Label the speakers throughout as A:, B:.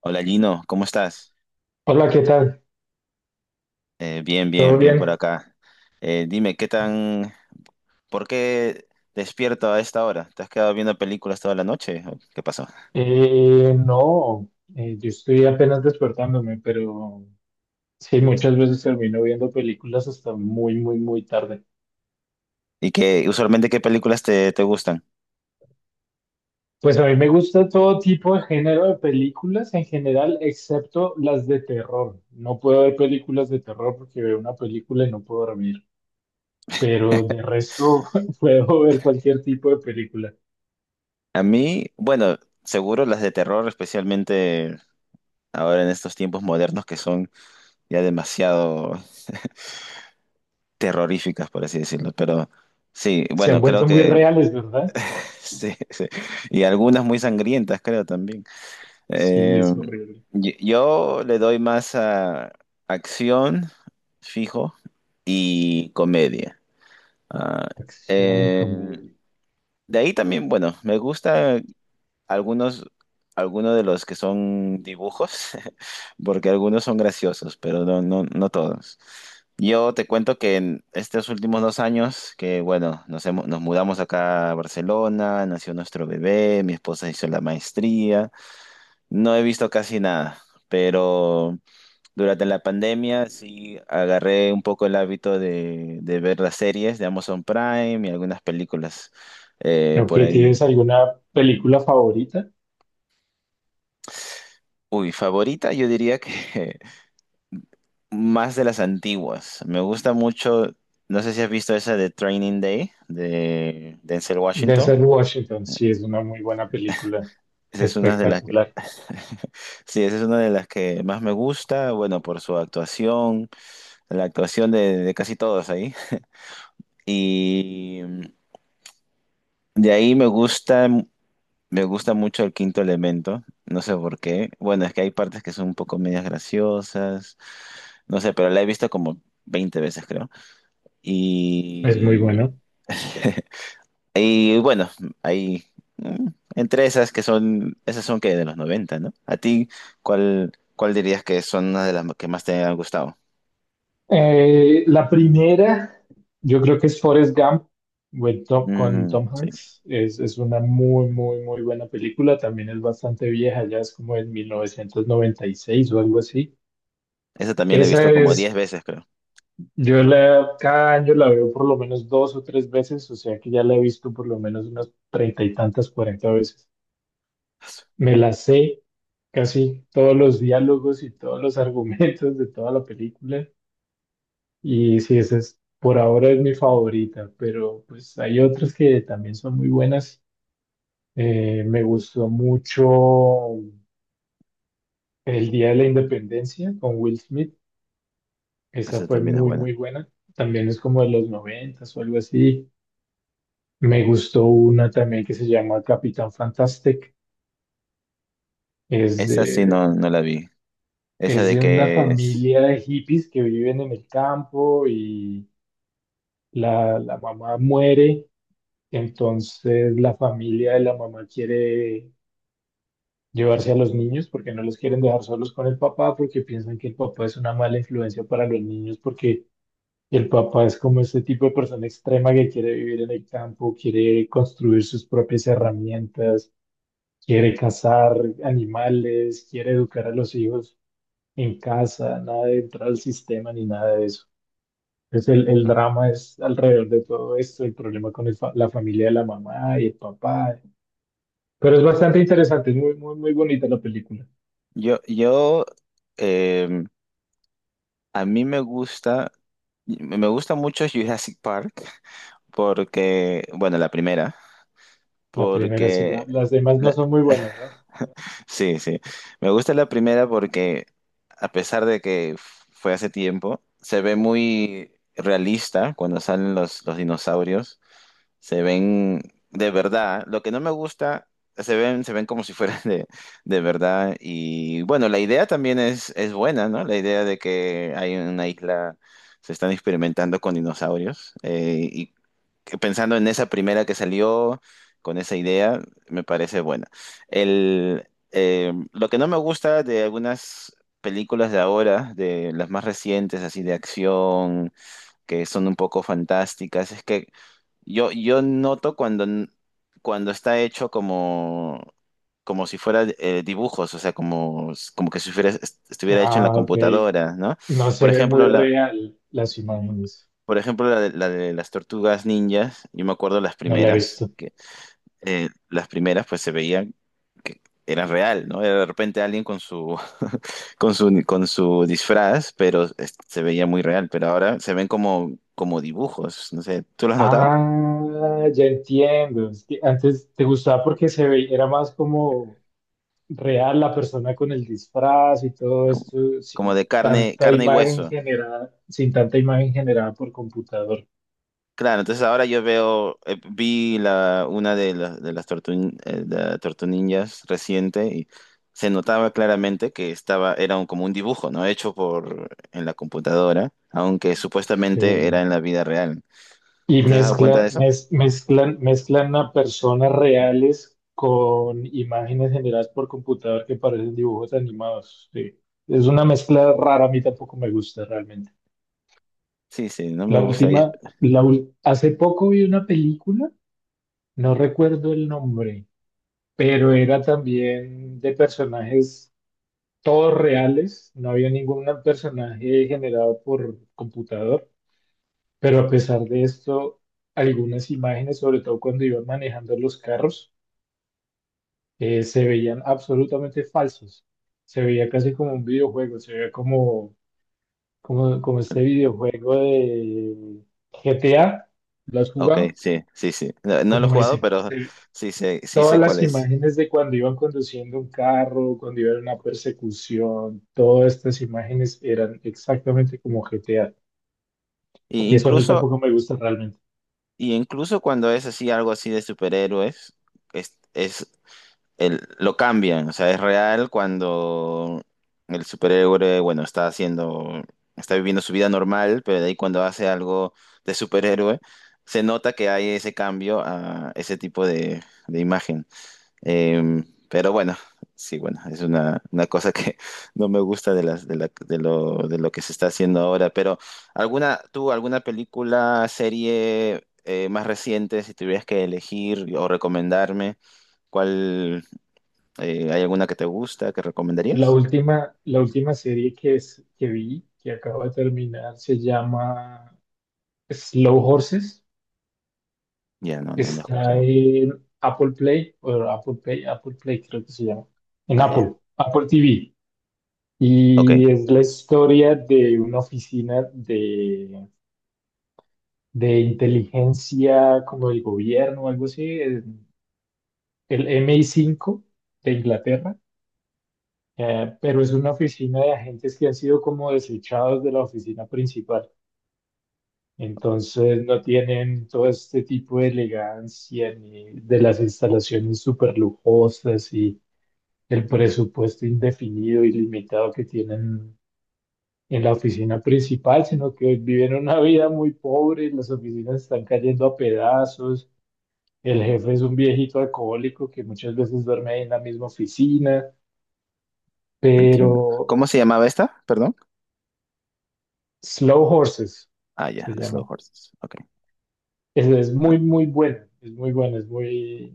A: Hola Gino, ¿cómo estás?
B: Hola, ¿qué tal?
A: Bien,
B: ¿Todo
A: bien, bien por
B: bien?
A: acá. Dime, ¿por qué despierto a esta hora? ¿Te has quedado viendo películas toda la noche? ¿O qué pasó?
B: No, yo estoy apenas despertándome, pero sí, muchas veces termino viendo películas hasta muy, muy, muy tarde.
A: ¿Y qué, usualmente qué películas te gustan?
B: Pues a mí me gusta todo tipo de género de películas en general, excepto las de terror. No puedo ver películas de terror porque veo una película y no puedo dormir, pero de resto puedo ver cualquier tipo de película.
A: A mí, bueno, seguro las de terror, especialmente ahora en estos tiempos modernos que son ya demasiado terroríficas, por así decirlo. Pero sí,
B: Se
A: bueno,
B: han
A: creo
B: vuelto muy
A: que
B: reales, ¿verdad?
A: sí, sí. Y algunas muy sangrientas, creo también.
B: Sí,
A: Eh,
B: es horrible.
A: yo le doy más a acción, fijo, y comedia. Ah,
B: Acción y
A: eh,
B: comedia.
A: de ahí también, bueno, me gusta algunos, algunos de los que son dibujos, porque algunos son graciosos, pero no, no, no todos. Yo te cuento que en estos últimos 2 años, que bueno, nos mudamos acá a Barcelona, nació nuestro bebé, mi esposa hizo la maestría. No he visto casi nada, pero durante la pandemia sí agarré un poco el hábito de ver las series de Amazon Prime y algunas películas
B: Ok,
A: por ahí.
B: ¿tienes alguna película favorita?
A: Uy, favorita, yo diría que más de las antiguas. Me gusta mucho, no sé si has visto esa de Training Day de Denzel Washington.
B: Denzel Washington, sí, es una muy buena película,
A: Esa es una de las que,
B: espectacular,
A: sí, esa es una de las que más me gusta, bueno, por su actuación, la actuación de casi todos ahí. Y de ahí me gusta mucho El Quinto Elemento, no sé por qué. Bueno, es que hay partes que son un poco medias graciosas, no sé, pero la he visto como 20 veces, creo.
B: es muy
A: Y,
B: bueno.
A: y bueno, hay mm, entre esas que son, esas son que de los noventa, ¿no? ¿A ti cuál dirías que son una de las que más te han gustado?
B: La primera, yo creo que es Forrest Gump con
A: Mm,
B: Tom
A: sí,
B: Hanks, es una muy, muy, muy buena película, también es bastante vieja, ya es como en 1996 o algo así.
A: esa también la he
B: Esa
A: visto como 10
B: es,
A: veces, creo.
B: cada año la veo por lo menos dos o tres veces, o sea que ya la he visto por lo menos unas treinta y tantas, 40 veces. Me la sé casi todos los diálogos y todos los argumentos de toda la película. Y sí, esa es, por ahora es mi favorita, pero pues hay otras que también son muy buenas. Me gustó mucho El Día de la Independencia con Will Smith. Esa
A: Esa
B: fue
A: también es
B: muy,
A: buena.
B: muy buena. También es como de los noventas o algo así. Me gustó una también que se llama Capitán Fantastic. Es
A: Esa sí no,
B: de
A: no la vi. Esa
B: Es
A: de
B: de una
A: que es.
B: familia de hippies que viven en el campo y la mamá muere, entonces la familia de la mamá quiere llevarse a los niños porque no los quieren dejar solos con el papá porque piensan que el papá es una mala influencia para los niños porque el papá es como este tipo de persona extrema que quiere vivir en el campo, quiere construir sus propias herramientas, quiere cazar animales, quiere educar a los hijos en casa, nada de entrar al sistema ni nada de eso. Entonces el drama es alrededor de todo esto, el problema con la familia de la mamá y el papá. Pero es bastante interesante, es muy, muy, muy bonita la película.
A: Yo, yo, em, a mí me gusta mucho Jurassic Park porque, bueno, la primera,
B: La primera, sí,
A: porque,
B: las demás no
A: la-
B: son muy buenas, ¿no?
A: sí, sí, me gusta la primera porque a pesar de que fue hace tiempo, se ve muy realista cuando salen los dinosaurios. Se ven de verdad. Lo que no me gusta, se ven como si fueran de verdad. Y bueno, la idea también es buena, ¿no? La idea de que hay una isla, se están experimentando con dinosaurios, y que pensando en esa primera que salió, con esa idea, me parece buena. Lo que no me gusta de algunas películas de ahora, de las más recientes, así de acción, que son un poco fantásticas. Es que yo noto cuando está hecho como si fuera dibujos, o sea, como, como que si fuera- estuviera hecho en la
B: Ah, ok.
A: computadora, ¿no?
B: No se
A: Por
B: ve muy
A: ejemplo, la,
B: real las imágenes.
A: por ejemplo, la de las tortugas ninjas, yo me acuerdo las
B: No la he
A: primeras,
B: visto.
A: que las primeras pues se veían que eran real, ¿no? Era de repente alguien con su disfraz, pero se veía muy real, pero ahora se ven como, como dibujos, no sé, ¿tú lo has notado?
B: Ah, ya entiendo. Es que antes te gustaba porque se veía, era más como real la persona con el disfraz y todo
A: Como,
B: esto,
A: como
B: sin
A: de carne,
B: tanta
A: carne y
B: imagen
A: hueso.
B: generada, sin tanta imagen generada por computador.
A: Claro, entonces ahora yo veo, vi la, una de las tortu, de la Tortu Ninjas reciente, y se notaba claramente que estaba, como un dibujo, ¿no? Hecho por, en la computadora, aunque supuestamente era
B: Sí.
A: en la vida real.
B: Y
A: ¿Te has dado cuenta de
B: mezclan,
A: eso?
B: mez- mezclan, mezclan a personas reales con imágenes generadas por computador que parecen dibujos animados. Sí. Es una mezcla rara, a mí tampoco me gusta realmente.
A: Sí, sí, no me
B: La
A: gusta.
B: última, la, ul- hace poco vi una película, no recuerdo el nombre, pero era también de personajes todos reales, no había ningún personaje generado por computador. Pero a pesar de esto, algunas imágenes, sobre todo cuando iban manejando los carros, se veían absolutamente falsos. Se veía casi como un videojuego, se veía como, como, como este videojuego de GTA. ¿Lo has
A: Ok,
B: jugado?
A: sí, sí, sí. No, no lo he
B: Como
A: jugado,
B: ese.
A: pero sí sé, sí
B: Todas
A: sé cuál
B: las
A: es.
B: imágenes de cuando iban conduciendo un carro, cuando iban en una persecución, todas estas imágenes eran exactamente como GTA.
A: Y
B: Y eso a mí
A: incluso,
B: tampoco me gusta realmente.
A: y incluso cuando es así, algo así de superhéroes, es, es lo cambian. O sea, es real cuando el superhéroe, bueno, está haciendo, está viviendo su vida normal, pero de ahí cuando hace algo de superhéroe, se nota que hay ese cambio a ese tipo de imagen. Eh, pero bueno, sí, bueno, es una cosa que no me gusta de las, de lo que se está haciendo ahora. Pero alguna, tú, alguna película, serie más reciente, si tuvieras que elegir o recomendarme, ¿cuál, ¿hay alguna que te gusta, que
B: La
A: recomendarías?
B: última, la última serie que vi, que acabo de terminar, se llama Slow Horses.
A: Ya, no, no, no he
B: Está
A: escuchado.
B: en Apple Play, o Apple Play, Apple Play creo que se llama. En
A: Ah, ya.
B: Apple TV.
A: Ok,
B: Y es la historia de una oficina de inteligencia como del gobierno o algo así, en el MI5 de Inglaterra. Pero es una oficina de agentes que han sido como desechados de la oficina principal. Entonces no tienen todo este tipo de elegancia ni de las instalaciones súper lujosas y el presupuesto indefinido y limitado que tienen en la oficina principal, sino que viven una vida muy pobre, las oficinas están cayendo a pedazos, el jefe es un viejito alcohólico que muchas veces duerme ahí en la misma oficina,
A: entiendo.
B: pero
A: ¿Cómo se llamaba esta? Perdón.
B: Slow Horses
A: Ah,
B: se
A: ya, Slow
B: llama.
A: Horses. Ok.
B: Es muy,
A: Ok.
B: muy buena, es muy buena, es muy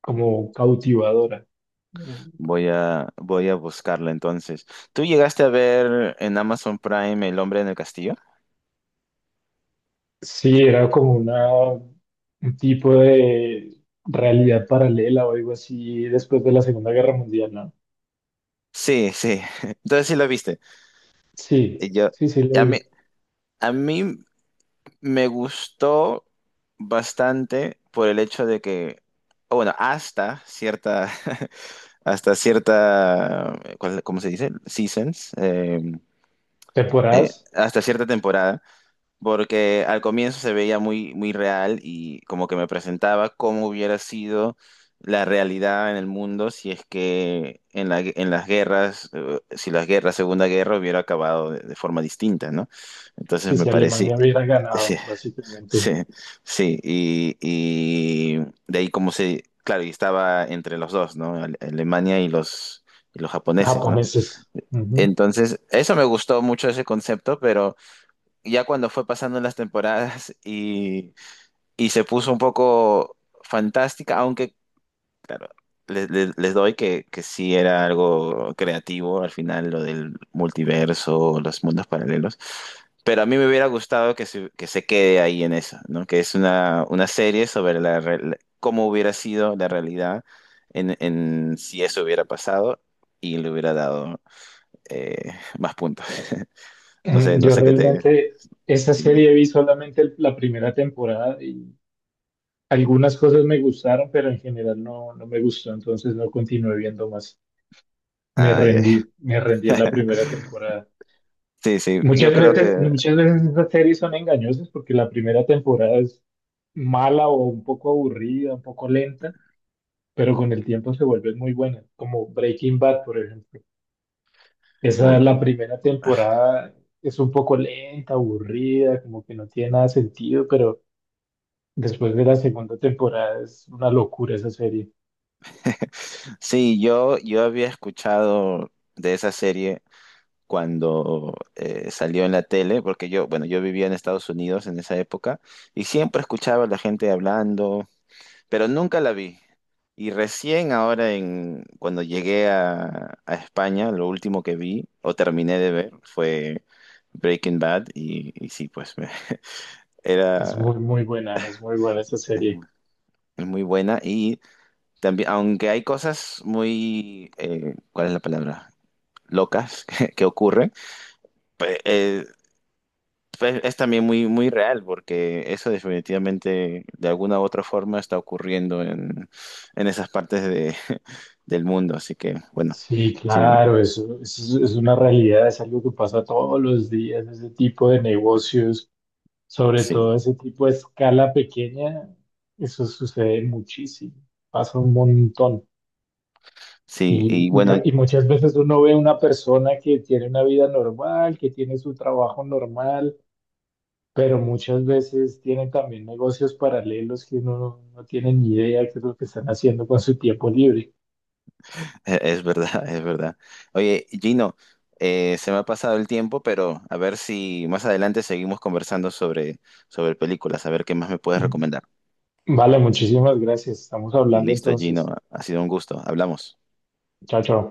B: como cautivadora. Eh,
A: Voy a buscarla entonces. ¿Tú llegaste a ver en Amazon Prime El Hombre en el Castillo?
B: Sí, era como una, un tipo de realidad paralela o algo así después de la Segunda Guerra Mundial, ¿no?
A: Sí, sí. Entonces sí lo viste.
B: Sí,
A: Y Yo,
B: sí, sí lo
A: a mí,
B: vi.
A: a mí me gustó bastante por el hecho de que, o bueno, hasta cierta, hasta cierta, ¿cómo se dice? Seasons,
B: Temporadas,
A: hasta cierta temporada. Porque al comienzo se veía muy, muy real y como que me presentaba cómo hubiera sido la realidad en el mundo si es que en en las guerras, si las guerras, Segunda Guerra hubiera acabado de forma distinta, ¿no? Entonces
B: sí,
A: me
B: si
A: parecía,
B: Alemania hubiera
A: sí,
B: ganado, básicamente,
A: sí, sí, y de ahí como se, claro, y estaba entre los dos, ¿no? Alemania y los, japoneses, ¿no?
B: japoneses. Ujú.
A: Entonces, eso me gustó mucho ese concepto, pero ya cuando fue pasando las temporadas y se puso un poco fantástica, aunque les doy que sí era algo creativo al final, lo del multiverso, los mundos paralelos, pero a mí me hubiera gustado que se quede ahí en eso, ¿no? Que es una serie sobre la, cómo hubiera sido la realidad en si eso hubiera pasado, y le hubiera dado eh, más puntos. No
B: Mm,
A: sé, no
B: yo
A: sé qué te...
B: realmente esa
A: si-
B: serie vi solamente la primera temporada y algunas cosas me gustaron, pero en general no, no me gustó, entonces no continué viendo más.
A: Ah, ya.
B: Me rendí en la primera temporada.
A: Sí, sí, yo creo que,
B: Muchas veces esas series son engañosas porque la primera temporada es mala o un poco aburrida, un poco lenta, pero con el tiempo se vuelven muy buenas, como Breaking Bad, por ejemplo. Esa,
A: uy,
B: la primera temporada es un poco lenta, aburrida, como que no tiene nada de sentido, pero después de la segunda temporada es una locura esa serie.
A: sí, yo había escuchado de esa serie cuando salió en la tele, porque yo, bueno, yo vivía en Estados Unidos en esa época y siempre escuchaba a la gente hablando, pero nunca la vi. Y recién ahora, cuando llegué a España, lo último que vi o terminé de ver fue Breaking Bad y sí, pues
B: Es
A: era
B: muy, muy buena, es muy buena esa serie.
A: es muy buena. Y también, aunque hay cosas muy, ¿cuál es la palabra? Locas que ocurren, pe- eh, es también muy, muy real porque eso definitivamente de alguna u otra forma está ocurriendo en esas partes de, del mundo. Así que, bueno,
B: Sí,
A: sí,
B: claro, eso es una realidad, es algo que pasa todos los días, ese tipo de negocios. Sobre
A: sí,
B: todo ese tipo de escala pequeña, eso sucede muchísimo, pasa un montón.
A: sí,
B: Y,
A: y bueno,
B: y muchas veces uno ve una persona que tiene una vida normal, que tiene su trabajo normal, pero muchas veces tienen también negocios paralelos que uno no tiene ni idea qué es lo que están haciendo con su tiempo libre.
A: es verdad, es verdad. Oye, Gino, se me ha pasado el tiempo, pero a ver si más adelante seguimos conversando sobre películas, a ver qué más me puedes recomendar.
B: Vale, muchísimas gracias. Estamos hablando
A: Listo, Gino.
B: entonces.
A: Ha sido un gusto. Hablamos.
B: Chao, chao.